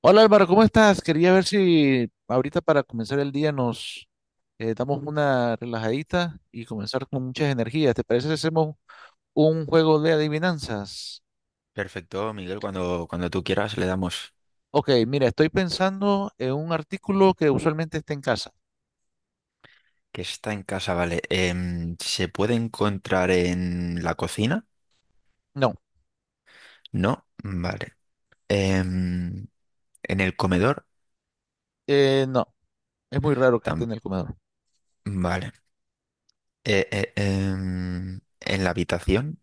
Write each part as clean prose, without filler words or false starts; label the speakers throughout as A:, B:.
A: Hola Álvaro, ¿cómo estás? Quería ver si ahorita para comenzar el día nos damos una relajadita y comenzar con muchas energías. ¿Te parece si hacemos un juego de adivinanzas?
B: Perfecto, Miguel, cuando tú quieras le damos
A: Ok, mira, estoy pensando en un artículo que usualmente esté en casa.
B: que está en casa, vale. ¿Se puede encontrar en la cocina?
A: No,
B: No, vale. Em, ¿En el comedor?
A: no, es muy raro que esté
B: Tam-
A: en el comedor.
B: vale. ¿En la habitación?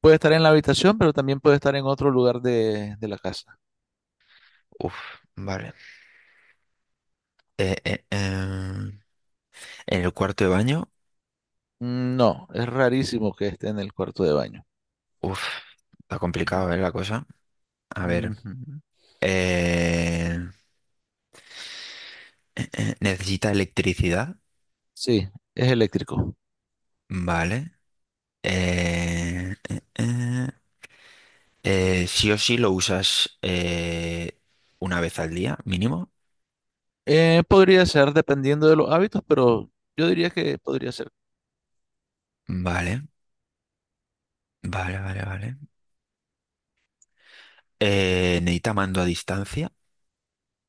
A: Puede estar en la habitación, pero también puede estar en otro lugar de la casa.
B: Uf, vale. Eh, eh, em, ¿En el cuarto de baño?
A: Mm, no, es rarísimo que esté en el cuarto de baño.
B: Uf, está complicado, ¿eh, la cosa? A ver.
A: Ujú.
B: eh, ¿Necesita electricidad?
A: Sí, es eléctrico.
B: Vale. Eh, eh, eh. Sí o sí lo usas una vez al día, mínimo.
A: Podría ser dependiendo de los hábitos, pero yo diría que podría ser.
B: Vale, vale, vale, vale. ¿Necesita mando a distancia?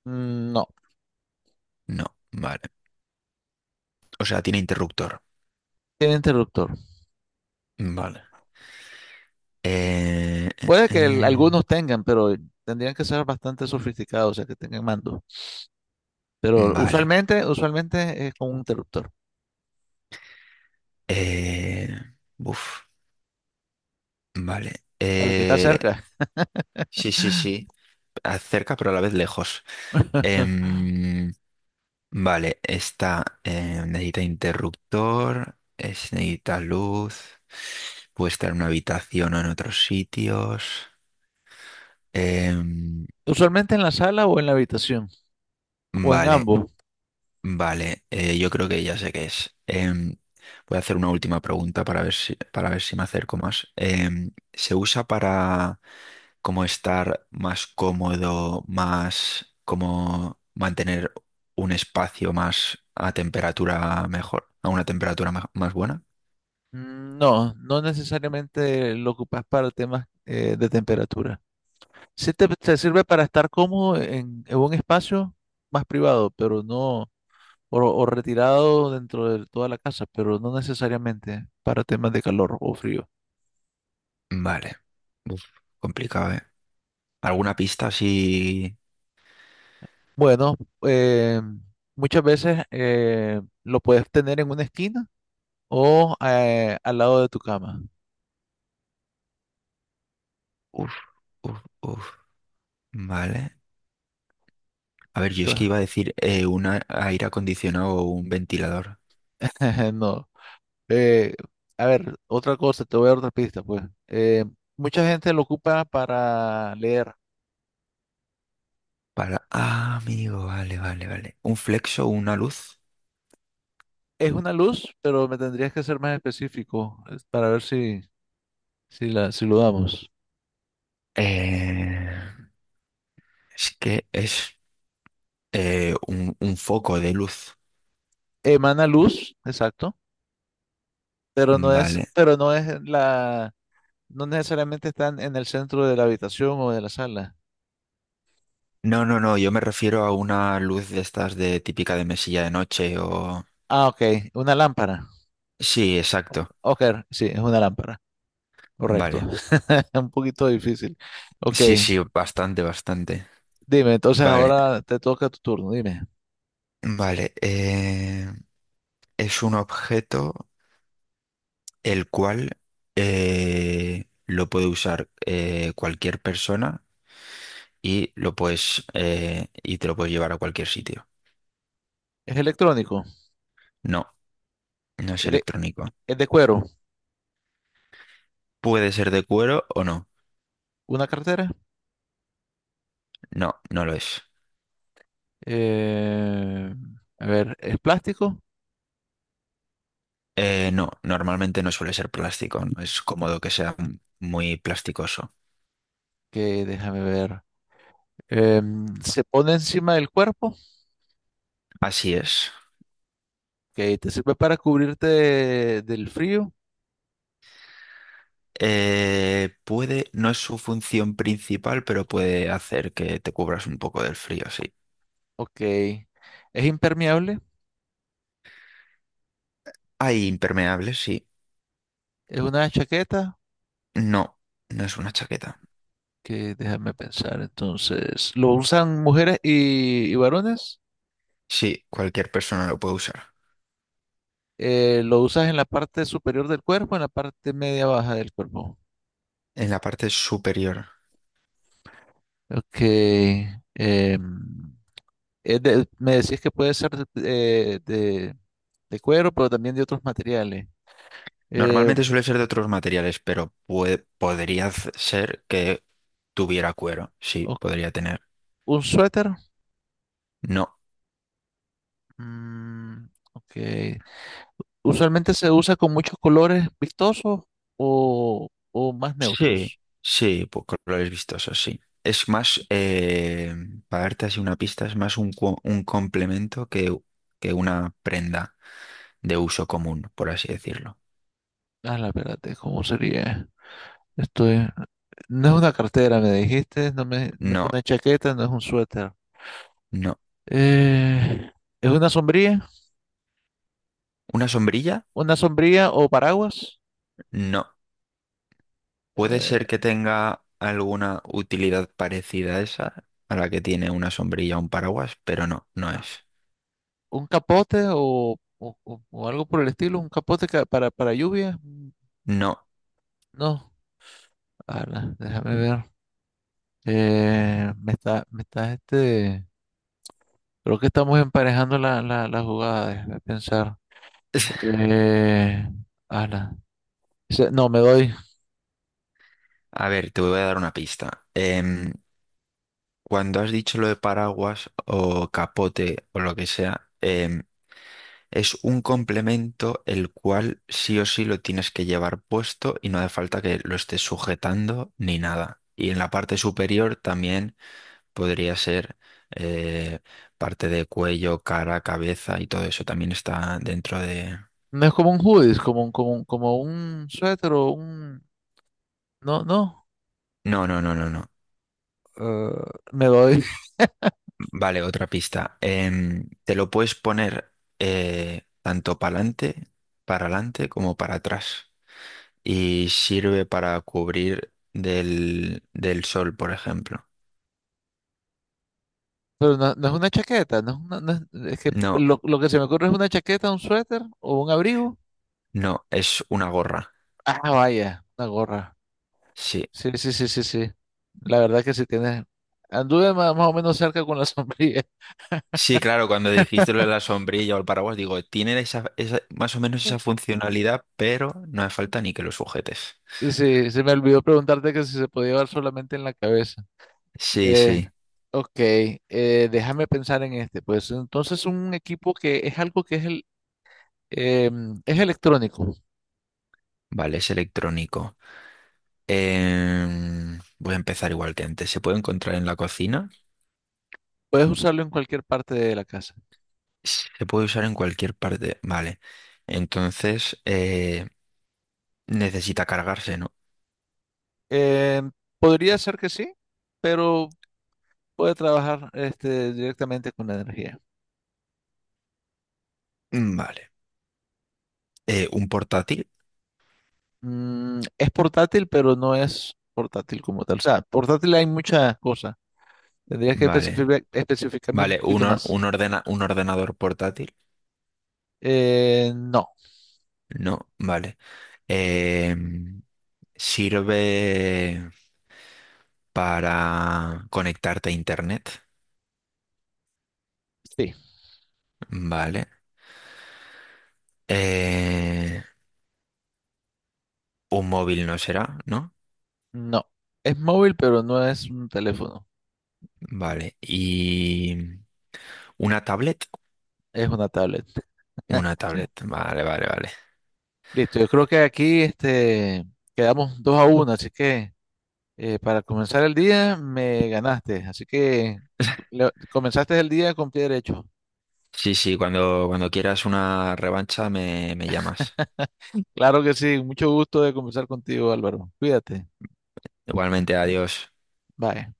A: Mm, no,
B: No, vale. O sea, tiene interruptor.
A: tiene interruptor.
B: Vale. Eh, eh,
A: Puede que
B: eh,
A: algunos tengan, pero tendrían que ser bastante sofisticados, o sea, que tengan mando. Pero
B: vale.
A: usualmente es con un interruptor,
B: Eh, buf, vale.
A: para el que está cerca.
B: Sí, sí, sí. Cerca, pero a la vez lejos. Em, Vale, esta necesita interruptor, necesita luz, puede estar en una habitación o en otros sitios. Em,
A: Usualmente en la sala o en la habitación, o en
B: vale,
A: ambos.
B: vale, yo creo que ya sé qué es. Voy a hacer una última pregunta para ver si me acerco más. ¿Se usa para como estar más cómodo, más como mantener un espacio más a temperatura mejor, a una temperatura más buena?
A: Mm, no, no necesariamente lo ocupas para temas de temperatura. Sí te sirve para estar cómodo en un espacio más privado, pero no. O retirado dentro de toda la casa, pero no necesariamente para temas de calor o frío.
B: Vale. Uf, complicado, ¿eh? ¿Alguna pista así?
A: Bueno, eh, muchas veces lo puedes tener en una esquina o al lado de tu cama.
B: Uf, uf, uf. Vale. A ver, yo es que
A: Entonces,
B: iba a decir un aire acondicionado o un ventilador.
A: no. Eh, a ver, otra cosa, te voy a dar otra pista, pues. Eh, mucha gente lo ocupa para leer.
B: Para. Ah, amigo, vale, vale, vale. ¿Un flexo o una luz?
A: Es una luz, pero me tendrías que ser más específico para ver si lo damos.
B: Eh, es que es un foco de luz.
A: Emana luz, exacto. pero no es,
B: Vale.
A: pero no es la, no necesariamente están en el centro de la habitación o de la sala.
B: No, no, no, yo me refiero a una luz de estas de típica de mesilla de noche o...
A: Ah, ok, una lámpara.
B: Sí, exacto.
A: Ok, sí, es una lámpara, correcto.
B: Vale.
A: Un poquito difícil. Ok,
B: Sí, sí, bastante, bastante.
A: dime, entonces
B: Vale.
A: ahora te toca tu turno, dime.
B: Vale, es un objeto el cual lo puede usar cualquier persona y lo puedes y te lo puedes llevar a cualquier sitio.
A: ¿Es electrónico?
B: No, no es
A: ¿Es de,
B: electrónico.
A: ¿es de cuero?
B: Puede ser de cuero o no.
A: ¿Una cartera?
B: No, no lo es.
A: Eh, a ver, ¿es plástico?
B: No, normalmente no suele ser plástico. No es cómodo que sea muy plasticoso.
A: Que déjame ver. Em, ¿se pone encima del cuerpo?
B: Así es.
A: Que te sirve para cubrirte del frío.
B: Puede, no es su función principal, pero puede hacer que te cubras un poco del frío, sí.
A: Ok. Es impermeable.
B: Hay impermeables, sí.
A: Es una chaqueta
B: No, no es una chaqueta.
A: que déjame pensar. Entonces, ¿lo usan mujeres y varones?
B: Sí, cualquier persona lo puede usar.
A: ¿Lo usas en la parte superior del cuerpo, en la parte media baja del cuerpo?
B: En la parte superior.
A: Ok. Em, me decís que puede ser eh, de- de cuero, pero también de otros materiales. Eh,
B: Normalmente suele ser de otros materiales, pero puede, podría ser que tuviera cuero. Sí,
A: o-
B: podría tener.
A: ¿Un suéter?
B: No.
A: Mm, ok. Usualmente se usa con muchos colores vistosos o más
B: Sí,
A: neutros.
B: sí, pues colores vistosos, sí. Es más, para darte así una pista, es más un, un complemento que una prenda de uso común, por así decirlo.
A: Ah, la verdad, ¿cómo sería? Esto es- no es una cartera, me dijiste, no, no es
B: No,
A: una chaqueta, no es un suéter.
B: no.
A: Eh, ¿Es una sombrilla?
B: ¿Una sombrilla?
A: ¿Una sombrilla o paraguas?
B: No. Puede
A: Eh,
B: ser que tenga alguna utilidad parecida a esa, a la que tiene una sombrilla o un paraguas, pero no, no es.
A: ¿Un capote o algo por el estilo? ¿Un capote para lluvia? Mm,
B: No.
A: no, ala, déjame ver. Me está este. Creo que estamos emparejando la jugada, déjame pensar. Eh, ala. No, me doy.
B: A ver, te voy a dar una pista. Cuando has dicho lo de paraguas o capote o lo que sea, es un complemento el cual sí o sí lo tienes que llevar puesto y no hace falta que lo estés sujetando ni nada. Y en la parte superior también podría ser eh, parte de cuello, cara, cabeza y todo eso también está dentro de...
A: No es como un hoodie, es como como un suéter o un... No, no.
B: No, no, no, no, no.
A: eh, me doy.
B: Vale, otra pista. Te lo puedes poner tanto para adelante como para atrás. Y sirve para cubrir del, del sol, por ejemplo.
A: Pero no, no es una chaqueta, no es una- no es, es que
B: No,
A: lo que se me ocurre es una chaqueta, un suéter o un abrigo.
B: no, es una gorra.
A: Ah, vaya, una gorra.
B: Sí.
A: Sí, sí, sí, sí, sí. La verdad que sí tienes. Anduve más, más o menos cerca con la sombrilla.
B: Sí, claro, cuando dijiste lo de la sombrilla o el paraguas, digo, tiene esa, esa- más o menos esa funcionalidad, pero no hace falta ni que lo sujetes.
A: Sí, se me olvidó preguntarte que si se podía llevar solamente en la cabeza.
B: Sí,
A: Eh,
B: sí,
A: ok, déjame pensar en este. Pues entonces un equipo que es algo que es, el, em, es electrónico.
B: vale, es electrónico. Voy a empezar igual que antes. ¿Se puede encontrar en la cocina?
A: Puedes usarlo en cualquier parte de la casa.
B: Se puede usar en cualquier parte. Vale, entonces necesita cargarse, ¿no?
A: Em, podría ser que sí, pero puede trabajar este, directamente con la energía.
B: Mm, vale. ¿Un portátil?
A: Mm, es portátil, pero no es portátil como tal. O sea, portátil hay muchas cosas. Tendrías que
B: Vale.
A: especificarme un
B: Vale, ¿un,
A: poquito más.
B: un, un ordenador portátil?
A: No,
B: No, vale. Eh, Sirve para conectarte a internet,
A: sí,
B: ¿vale? Eh, un móvil no será, ¿no?
A: no. Es móvil, pero no es un teléfono.
B: Vale. Y una tablet,
A: Es una tablet.
B: una tablet, vale, vale, vale.
A: Listo, yo creo que aquí este, quedamos 2-1, así que para comenzar el día me ganaste, así que comenzaste el día con pie derecho.
B: Sí, sí, cuando quieras una revancha me, me llamas.
A: Claro que sí, mucho gusto de conversar contigo, Álvaro. Cuídate.
B: Igualmente, adiós.
A: Bye.